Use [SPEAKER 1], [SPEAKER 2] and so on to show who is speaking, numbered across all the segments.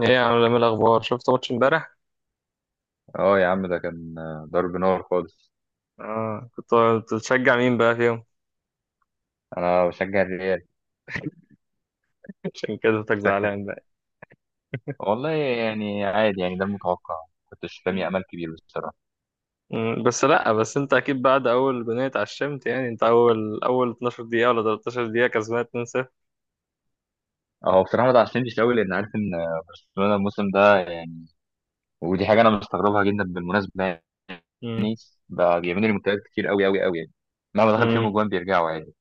[SPEAKER 1] ايه يا عم، إيه الاخبار؟ شفت ماتش امبارح؟
[SPEAKER 2] اه يا عم، ده كان ضرب نار خالص.
[SPEAKER 1] اه، كنت بتشجع مين بقى فيهم؟
[SPEAKER 2] انا بشجع الريال.
[SPEAKER 1] عشان كده صوتك
[SPEAKER 2] شكلك.
[SPEAKER 1] زعلان بقى.
[SPEAKER 2] والله يعني عادي، يعني ده المتوقع. كنتش رامي
[SPEAKER 1] مم.
[SPEAKER 2] امل كبير بصراحه.
[SPEAKER 1] مم، بس لا بس انت اكيد بعد اول بنية اتعشمت يعني انت اول 12 دقيقة ولا 13 دقيقة كسبان 2-0.
[SPEAKER 2] هو بصراحه ما اتعشمتش قوي، لان عارف ان برشلونه الموسم ده يعني. ودي حاجه انا مستغربها جدا بالمناسبه،
[SPEAKER 1] مم.
[SPEAKER 2] يعني بقى بيعملوا ريمونتادات كتير قوي قوي قوي، يعني مهما دخل فيهم
[SPEAKER 1] مم.
[SPEAKER 2] اجوان بيرجعوا عادي.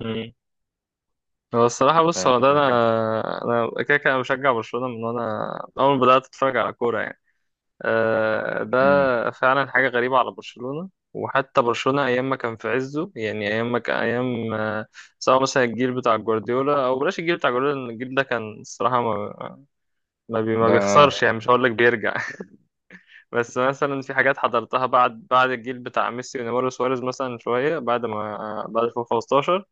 [SPEAKER 1] مم. هو الصراحة بص،
[SPEAKER 2] فاهم
[SPEAKER 1] هو ده
[SPEAKER 2] الفكره في ايه؟
[SPEAKER 1] انا كده كده أنا بشجع برشلونة من وانا اول ما بدأت اتفرج على كورة يعني. آه،
[SPEAKER 2] امم
[SPEAKER 1] ده فعلا حاجة غريبة على برشلونة. وحتى برشلونة أيام ما كان في عزه، يعني أيام ما كان أيام آه، سواء مثلا الجيل بتاع جوارديولا أو بلاش الجيل بتاع جوارديولا، لأن الجيل ده كان الصراحة ما
[SPEAKER 2] ده
[SPEAKER 1] بيخسرش، يعني مش هقول لك بيرجع. بس مثلا في حاجات حضرتها بعد الجيل بتاع ميسي ونيمار وسواريز، مثلا شوية بعد ما آه، بعد 2015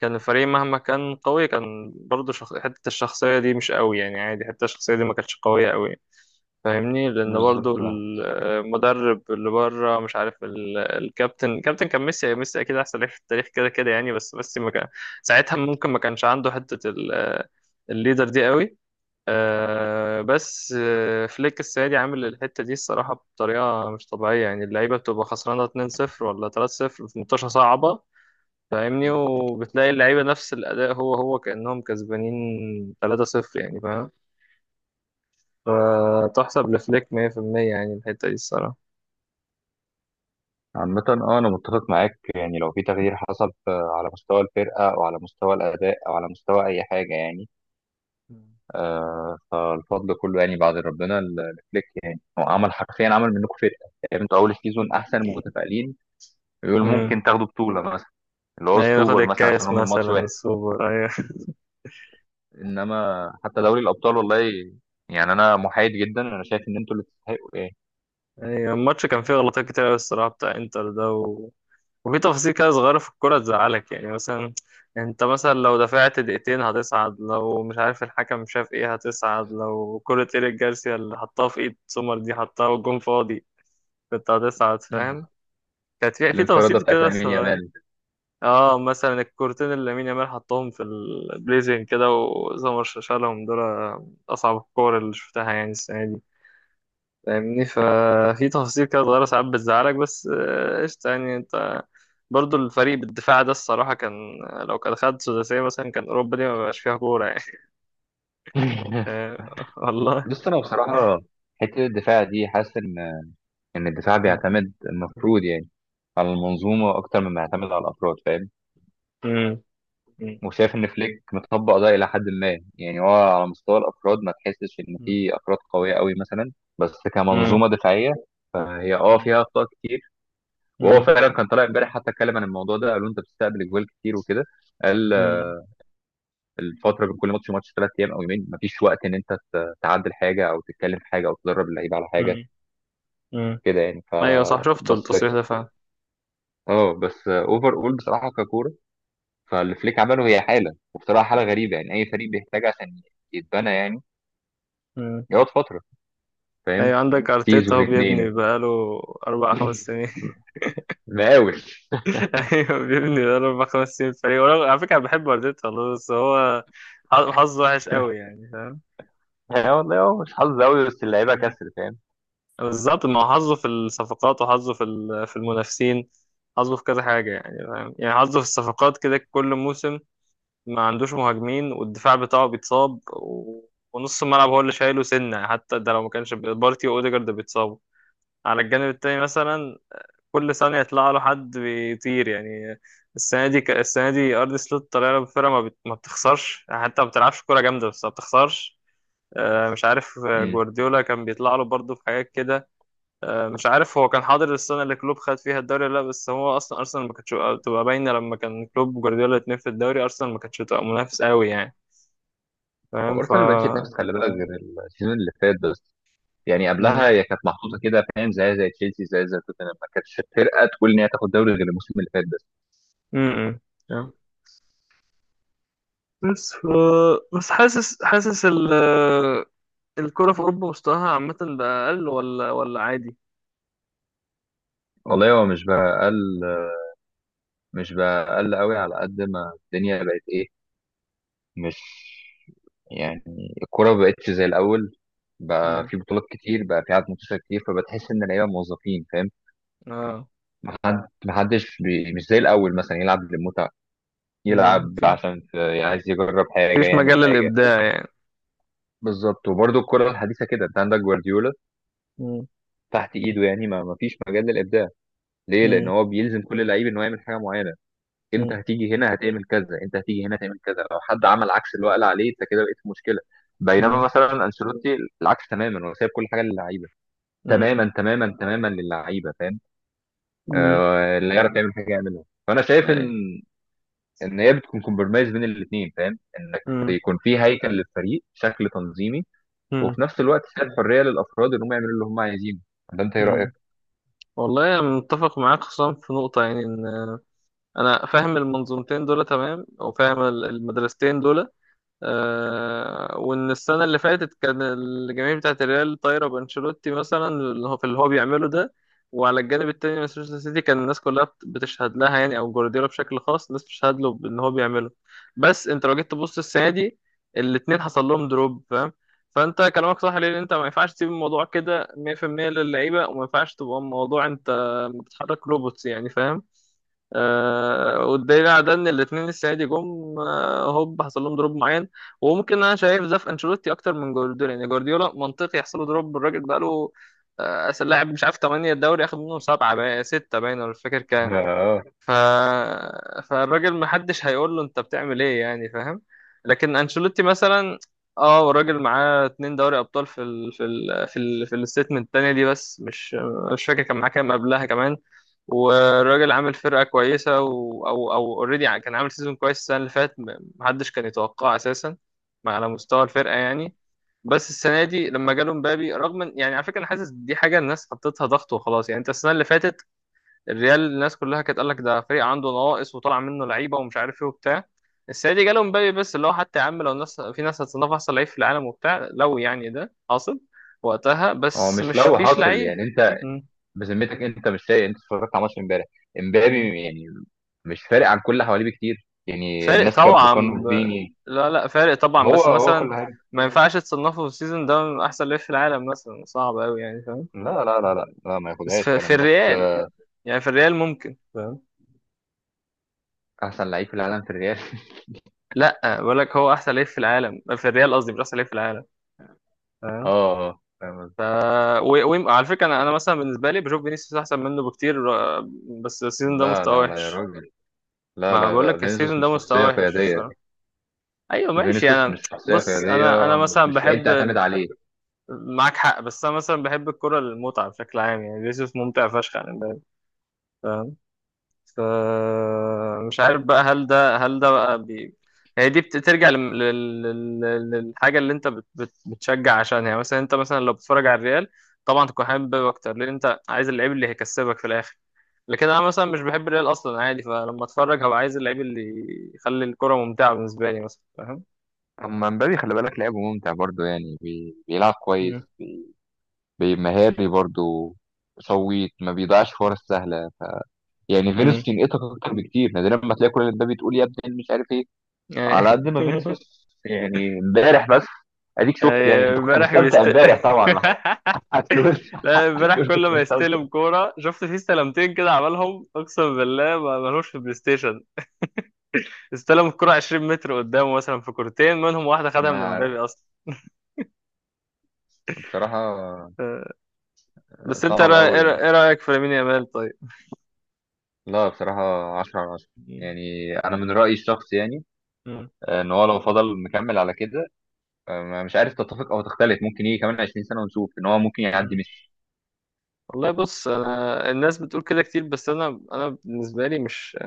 [SPEAKER 1] كان الفريق مهما كان قوي كان برضه شخ... حتة الشخصية دي مش قوي، يعني عادي، حتة الشخصية دي ما كانتش قوية قوي. فاهمني؟ لان برضو
[SPEAKER 2] بالظبط آه.
[SPEAKER 1] المدرب اللي بره مش عارف، الكابتن كان ميسي، ميسي اكيد احسن لعيب في التاريخ كده كده يعني، بس ميسي ما كان ساعتها ممكن ما كانش عنده حته الليدر دي قوي. آه، بس آه، فليك السنه دي عامل الحته دي الصراحه بطريقه مش طبيعيه، يعني اللعيبه بتبقى خسرانه 2-0 ولا 3-0 في منتشره صعبه، فاهمني؟ وبتلاقي اللعيبه نفس الاداء هو هو كانهم كسبانين 3-0 يعني. فتحسب لفليك 100% يعني الحتة دي الصراحة.
[SPEAKER 2] عامة، اه، انا متفق معاك، يعني لو في تغيير حصل على مستوى الفرقة او على مستوى الاداء او على مستوى اي حاجة يعني فالفضل كله يعني بعد ربنا لفليك، يعني هو عمل حرفيا عمل منكم فرقه، يعني انتوا اول سيزون
[SPEAKER 1] مم.
[SPEAKER 2] احسن متفائلين يقول
[SPEAKER 1] مم.
[SPEAKER 2] ممكن تاخدوا بطوله مثلا، اللي هو
[SPEAKER 1] أيوة، ناخد
[SPEAKER 2] السوبر مثلا عشان
[SPEAKER 1] الكاس
[SPEAKER 2] هم من ماتش
[SPEAKER 1] مثلا
[SPEAKER 2] واحد.
[SPEAKER 1] السوبر، أيوة.
[SPEAKER 2] انما حتى دوري الابطال، والله يعني انا محايد جدا. انا شايف ان انتوا اللي تستحقوا، ايه.
[SPEAKER 1] أيوة، الماتش كان فيه غلطات كتير أوي الصراحة بتاع إنتر ده و... وفي تفاصيل كده صغيرة في الكورة تزعلك، يعني مثلا أنت مثلا لو دفعت دقيقتين هتصعد، لو مش عارف الحكم شاف إيه هتصعد، لو كرة إيريك جارسيا اللي حطها في إيد سومر دي حطها والجون فاضي كنت هتصعد، فاهم؟ كانت في
[SPEAKER 2] الانفراده
[SPEAKER 1] تفاصيل
[SPEAKER 2] بتاعت
[SPEAKER 1] كده.
[SPEAKER 2] لامين يامال.
[SPEAKER 1] اه مثلا الكورتين اللي لامين يامال حطهم في البليزنج كده وسمر شالهم دول اصعب الكور اللي شفتها يعني السنه دي، فاهمني؟ ففي تفاصيل كده صغيره ساعات بتزعلك، بس آه، قشطه يعني انت. برضو الفريق بالدفاع ده الصراحه كان، لو كان خد سداسيه مثلا كان اوروبا دي ما بقاش فيها كوره يعني. آه، والله.
[SPEAKER 2] بص انا بصراحه، حته الدفاع دي، حاسس ان الدفاع
[SPEAKER 1] مم.
[SPEAKER 2] بيعتمد المفروض، يعني على المنظومه اكتر مما يعتمد على الافراد، فاهم.
[SPEAKER 1] مم. مم.
[SPEAKER 2] وشايف ان فليك مطبق ده الى حد ما، يعني هو على مستوى الافراد ما تحسش ان
[SPEAKER 1] مم.
[SPEAKER 2] في افراد قويه قوي مثلا، بس
[SPEAKER 1] مم.
[SPEAKER 2] كمنظومه دفاعيه فهي فيها اخطاء كتير. وهو
[SPEAKER 1] مم.
[SPEAKER 2] فعلا كان طالع امبارح، حتى اتكلم عن الموضوع ده، قالوا انت بتستقبل اجوال كتير وكده. قال آه،
[SPEAKER 1] مم.
[SPEAKER 2] الفتره بين كل ماتش وماتش 3 ايام او يومين، مفيش وقت ان انت تعدل حاجه او تتكلم في حاجه او تدرب اللعيبه على حاجه
[SPEAKER 1] مم. مم.
[SPEAKER 2] كده يعني.
[SPEAKER 1] ايوه صح، شفت
[SPEAKER 2] بس
[SPEAKER 1] التصريح ده فعلا.
[SPEAKER 2] اه بس اوفر اول بصراحه ككوره. فالفليك عمله هي حاله، وبصراحه حاله غريبه، يعني اي فريق بيحتاج عشان يتبنى يعني،
[SPEAKER 1] مم.
[SPEAKER 2] يقعد فتره،
[SPEAKER 1] ايوه،
[SPEAKER 2] فاهم،
[SPEAKER 1] عندك ارتيتا
[SPEAKER 2] سيزون
[SPEAKER 1] هو بيبني
[SPEAKER 2] اتنين،
[SPEAKER 1] بقاله اربع خمس سنين.
[SPEAKER 2] مقاول.
[SPEAKER 1] ايوه بيبني بقاله اربع خمس سنين فريق. على فكره أنا بحب ارتيتا والله، بس هو حظه وحش قوي يعني، فاهم؟
[SPEAKER 2] يعني والله هو مش حظ قوي، بس اللعيبه
[SPEAKER 1] مم.
[SPEAKER 2] كسر، فاهم.
[SPEAKER 1] بالظبط، ما هو حظه في الصفقات، وحظه في المنافسين، حظه في كذا حاجه يعني، فاهم يعني؟ حظه في الصفقات كده كل موسم ما عندوش مهاجمين، والدفاع بتاعه بيتصاب و... ونص الملعب هو اللي شايله سنه، حتى ده لو ما كانش بارتي واوديجارد بيتصابوا على الجانب التاني مثلا كل ثانية يطلع له حد بيطير يعني. السنة دي أرض سلوت طالع له بفرقة ما بتخسرش، يعني حتى ما بتلعبش كورة جامدة بس ما بتخسرش. آه، مش عارف آه،
[SPEAKER 2] امم
[SPEAKER 1] جوارديولا كان بيطلع له برضه في حاجات كده. آه، مش عارف هو كان حاضر السنة اللي كلوب خد فيها الدوري ولا لا، بس هو أصلا أرسنال ما كانتش تبقى باينة، لما كان كلوب وجوارديولا الاتنين في الدوري أرسنال ما كانتش تبقى منافس قوي يعني، فاهم؟
[SPEAKER 2] وارسنال ما بقتش تنافس، خلي بالك، غير السيزون اللي فات بس. يعني
[SPEAKER 1] م-
[SPEAKER 2] قبلها هي كانت محطوطه كده، فاهم، زي تشيلسي، زي توتنهام، ما كانتش فرقه تقول ان هي تاخد دوري غير الموسم اللي فات بس.
[SPEAKER 1] م- م. بس ف... بس حاسس، حاسس ال الكرة في أوروبا مستواها عامة بقى أقل ولا ولا عادي؟
[SPEAKER 2] والله هو مش بقى قل، مش بقى قل قوي، على قد ما الدنيا بقت ايه. مش يعني، الكوره ما بقتش زي الاول، بقى
[SPEAKER 1] مم.
[SPEAKER 2] في بطولات كتير، بقى في عدد منتشر كتير، فبتحس ان اللعيبه موظفين، فاهم.
[SPEAKER 1] اه.
[SPEAKER 2] حد، محدش، مش زي الأول مثلا يلعب للمتعة،
[SPEAKER 1] مم.
[SPEAKER 2] يلعب عشان عايز يجرب حاجة،
[SPEAKER 1] مفيش
[SPEAKER 2] يعمل
[SPEAKER 1] مجال
[SPEAKER 2] حاجة.
[SPEAKER 1] للإبداع يعني.
[SPEAKER 2] بالظبط، وبرضه الكرة الحديثة كده، انت عندك جوارديولا
[SPEAKER 1] مم.
[SPEAKER 2] تحت ايده، يعني ما فيش مجال للإبداع. ليه؟ لأن
[SPEAKER 1] مم.
[SPEAKER 2] هو بيلزم كل لعيب إن هو يعمل حاجة معينة. انت
[SPEAKER 1] مم.
[SPEAKER 2] هتيجي هنا هتعمل كذا، انت هتيجي هنا هتعمل كذا، لو حد عمل عكس اللي هو قال عليه، انت كده بقيت في مشكلة. بينما
[SPEAKER 1] مم.
[SPEAKER 2] مثلا انشيلوتي العكس تماما، هو سايب كل حاجة للعيبة،
[SPEAKER 1] مم.
[SPEAKER 2] تماما تماما تماما للعيبة، فاهم.
[SPEAKER 1] مم.
[SPEAKER 2] اللي يعرف يعمل حاجة يعملها، فأنا شايف إن
[SPEAKER 1] أي.
[SPEAKER 2] ان هي بتكون كومبرمايز بين الاثنين، فاهم، انك
[SPEAKER 1] مم.
[SPEAKER 2] يكون في هيكل للفريق، شكل تنظيمي،
[SPEAKER 1] مم.
[SPEAKER 2] وفي نفس الوقت فيها الحريه للافراد انهم يعملوا اللي هم عايزينه. ده انت ايه رايك؟
[SPEAKER 1] مم. والله أنا متفق معاك، خصوصا في نقطة يعني إن أنا فاهم المنظومتين دول تمام، أو فاهم المدرستين دول. آه، وان السنه اللي فاتت كان الجماهير بتاعه الريال طايره بانشيلوتي مثلا، اللي هو في اللي هو بيعمله ده. وعلى الجانب التاني مانشستر سيتي كان الناس كلها بتشهد لها يعني، او جوارديولا بشكل خاص الناس بتشهد له بان هو بيعمله. بس انت لو جيت تبص السنه دي الاتنين حصل لهم دروب، فاهم؟ فانت كلامك صح، ليه؟ انت ما ينفعش تسيب الموضوع كده 100% للعيبه، وما ينفعش تبقى الموضوع انت بتحرك روبوتس يعني، فاهم؟ آه، والدليل على ده ان الاثنين السنه دي جم آه، هوب حصل لهم دروب معين. وممكن انا شايف ده في انشيلوتي اكتر من جوارديولا، يعني جوارديولا منطقي يحصل له دروب، الراجل بقى له آه، اصل لاعب مش عارف 8 الدوري، اخد منهم 7، بقى 6 باين، ولا مش فاكر.
[SPEAKER 2] اه،
[SPEAKER 1] ف... فالراجل محدش هيقول له انت بتعمل ايه يعني، فاهم؟ لكن انشيلوتي مثلا اه، والراجل معاه اتنين دوري ابطال في الستمنت التانية دي، بس مش فاكر كان معاه كام قبلها كمان. والراجل عامل فرقة كويسة و... او او اوريدي كان عامل سيزون كويس السنة اللي فاتت، محدش كان يتوقعه اساسا على مستوى الفرقة يعني. بس السنة دي لما جاله مبابي، رغم يعني على فكرة انا حاسس دي حاجة الناس حطيتها ضغط وخلاص، يعني انت السنة اللي فاتت الريال الناس كلها كانت قال لك ده فريق عنده نواقص وطلع منه لعيبه ومش عارف ايه وبتاع. السنه دي جاله مبابي، بس اللي هو حتى يا عم لو الناس، في ناس هتصنف احسن لعيب في العالم وبتاع، لو يعني ده حاصل وقتها،
[SPEAKER 2] هو
[SPEAKER 1] بس
[SPEAKER 2] مش
[SPEAKER 1] مش
[SPEAKER 2] لو
[SPEAKER 1] فيش
[SPEAKER 2] حاصل؟
[SPEAKER 1] لعيب.
[SPEAKER 2] يعني انت
[SPEAKER 1] مم.
[SPEAKER 2] بذمتك، انت مش سايق؟ انت اتفرجت على ماتش امبارح،
[SPEAKER 1] مم.
[SPEAKER 2] امبابي يعني مش فارق عن كل اللي حواليه بكتير، يعني
[SPEAKER 1] فارق
[SPEAKER 2] الناس كانت
[SPEAKER 1] طبعا. ب...
[SPEAKER 2] بوكانو فيني.
[SPEAKER 1] لا لا، فارق طبعا،
[SPEAKER 2] هو
[SPEAKER 1] بس
[SPEAKER 2] هو
[SPEAKER 1] مثلا
[SPEAKER 2] كل حاجه.
[SPEAKER 1] ما ينفعش تصنفه في السيزون ده من احسن لعيب في العالم مثلا، صعب قوي يعني، فاهم؟
[SPEAKER 2] لا لا لا لا لا، ما
[SPEAKER 1] بس
[SPEAKER 2] ياخدهاش
[SPEAKER 1] في
[SPEAKER 2] فعلا، بس
[SPEAKER 1] الريال، يعني في الريال ممكن، فاهم؟
[SPEAKER 2] احسن لعيب في العالم في الريال.
[SPEAKER 1] لا بقول لك هو احسن لعيب في العالم في الريال، قصدي مش احسن لعيب في العالم،
[SPEAKER 2] اه،
[SPEAKER 1] فاهم؟
[SPEAKER 2] آه، فاهم قصدي؟
[SPEAKER 1] ف... على فكره انا مثلا بالنسبه لي بشوف فينيسيوس احسن منه بكتير. آه، بس السيزون ده
[SPEAKER 2] لا
[SPEAKER 1] مستواه
[SPEAKER 2] لا لا يا
[SPEAKER 1] وحش.
[SPEAKER 2] راجل، لا
[SPEAKER 1] ما
[SPEAKER 2] لا
[SPEAKER 1] بقول
[SPEAKER 2] لا،
[SPEAKER 1] لك
[SPEAKER 2] فينيسيوس
[SPEAKER 1] السيزون ده
[SPEAKER 2] مش
[SPEAKER 1] مستواه
[SPEAKER 2] شخصيه
[SPEAKER 1] وحش
[SPEAKER 2] قياديه.
[SPEAKER 1] صراحه. ايوه ماشي.
[SPEAKER 2] فينيسيوس
[SPEAKER 1] انا
[SPEAKER 2] مش شخصية
[SPEAKER 1] بص انا
[SPEAKER 2] قيادية،
[SPEAKER 1] انا
[SPEAKER 2] مش
[SPEAKER 1] مثلا
[SPEAKER 2] مش لعيب
[SPEAKER 1] بحب،
[SPEAKER 2] تعتمد عليه.
[SPEAKER 1] معاك حق، بس انا مثلا بحب الكره المتعه بشكل عام يعني، فينيسيوس ممتع فشخ يعني. فمش عارف بقى، هل ده بقى هي دي بترجع للحاجة اللي انت بتشجع عشانها، يعني مثلا انت مثلا لو بتتفرج على الريال طبعا تكون حابب بيب اكتر لان انت عايز اللعيب اللي هيكسبك في الاخر، لكن انا مثلا مش بحب الريال اصلا عادي، فلما اتفرج هبقى عايز اللعيب اللي يخلي الكرة ممتعة بالنسبة لي مثلا، فاهم؟
[SPEAKER 2] اما مبابي، خلي بالك، لعبه ممتع برضه، يعني بيلعب
[SPEAKER 1] مم.
[SPEAKER 2] كويس، مهاري برضه، شويت ما بيضيعش فرص سهله. يعني
[SPEAKER 1] امم.
[SPEAKER 2] فينيسيوس ينقطك اكتر بكتير، نادرا ما تلاقي كل اللي مبابي تقول يا ابني مش عارف ايه، على قد ما فينيسيوس. يعني امبارح بس، اديك شفت، يعني
[SPEAKER 1] آه،
[SPEAKER 2] انت كنت
[SPEAKER 1] امبارح
[SPEAKER 2] مستمتع
[SPEAKER 1] بيست.
[SPEAKER 2] امبارح طبعا. ما هتقولش؟
[SPEAKER 1] لا، امبارح
[SPEAKER 2] هتقول
[SPEAKER 1] كل
[SPEAKER 2] كنت
[SPEAKER 1] ما
[SPEAKER 2] مستمتع.
[SPEAKER 1] يستلم كورة شفت فيه استلمتين كده عملهم، اقسم بالله ما ملوش في البلاي ستيشن. استلم الكورة 20 متر قدامه مثلا، في كورتين منهم واحدة خدها
[SPEAKER 2] ما
[SPEAKER 1] من امبابي
[SPEAKER 2] عارف
[SPEAKER 1] اصلا.
[SPEAKER 2] بصراحة.
[SPEAKER 1] آه، بس انت
[SPEAKER 2] صعب قوي يعني.
[SPEAKER 1] إيه رأيك في لامين يامال طيب؟
[SPEAKER 2] لا بصراحة 10/10.
[SPEAKER 1] مم.
[SPEAKER 2] يعني أنا من رأيي الشخصي، يعني ان هو لو فضل مكمل على كده، مش عارف تتفق او تختلف، ممكن يجي كمان 20 سنه ونشوف ان هو ممكن يعدي
[SPEAKER 1] مم.
[SPEAKER 2] ميسي.
[SPEAKER 1] والله بص، انا الناس بتقول كده كتير، بس انا بالنسبه لي مش،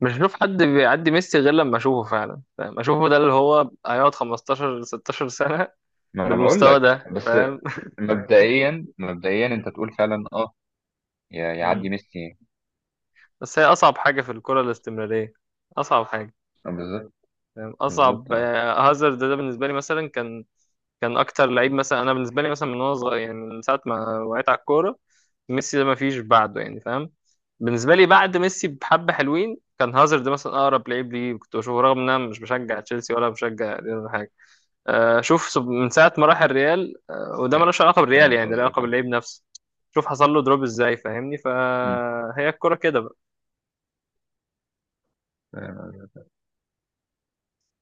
[SPEAKER 1] مش بشوف حد بيعدي ميسي غير لما اشوفه فعلا، فاهم؟ اشوفه ده اللي هو هيقعد 15 16 سنه
[SPEAKER 2] ما انا بقول
[SPEAKER 1] بالمستوى
[SPEAKER 2] لك
[SPEAKER 1] ده،
[SPEAKER 2] بس.
[SPEAKER 1] فاهم؟
[SPEAKER 2] مبدئيا مبدئيا
[SPEAKER 1] مم.
[SPEAKER 2] انت تقول فعلا اه، يعدي
[SPEAKER 1] مم.
[SPEAKER 2] ميسي،
[SPEAKER 1] بس هي اصعب حاجه في الكره الاستمراريه، اصعب حاجه.
[SPEAKER 2] آه، بالظبط.
[SPEAKER 1] فاهم؟
[SPEAKER 2] بالظبط،
[SPEAKER 1] اصعب
[SPEAKER 2] اه،
[SPEAKER 1] آه، هازارد ده بالنسبه لي مثلا كان كان اكتر لعيب مثلا انا بالنسبه لي مثلا من وانا صغير، يعني من ساعه ما وقعت على الكوره ميسي ده ما فيش بعده يعني، فاهم؟ بالنسبه لي بعد ميسي بحبه حلوين كان هازارد مثلا اقرب لعيب ليه كنت بشوفه، رغم ان انا مش بشجع تشيلسي ولا بشجع ريال ولا حاجه. آه، شوف من ساعه ما راح الريال آه، وده ملوش علاقه بالريال
[SPEAKER 2] فاهم
[SPEAKER 1] يعني، ده له علاقه
[SPEAKER 2] قصدك آه.
[SPEAKER 1] باللعيب نفسه. شوف حصل له دروب ازاي، فاهمني؟ فهي الكرة كده بقى.
[SPEAKER 2] مم.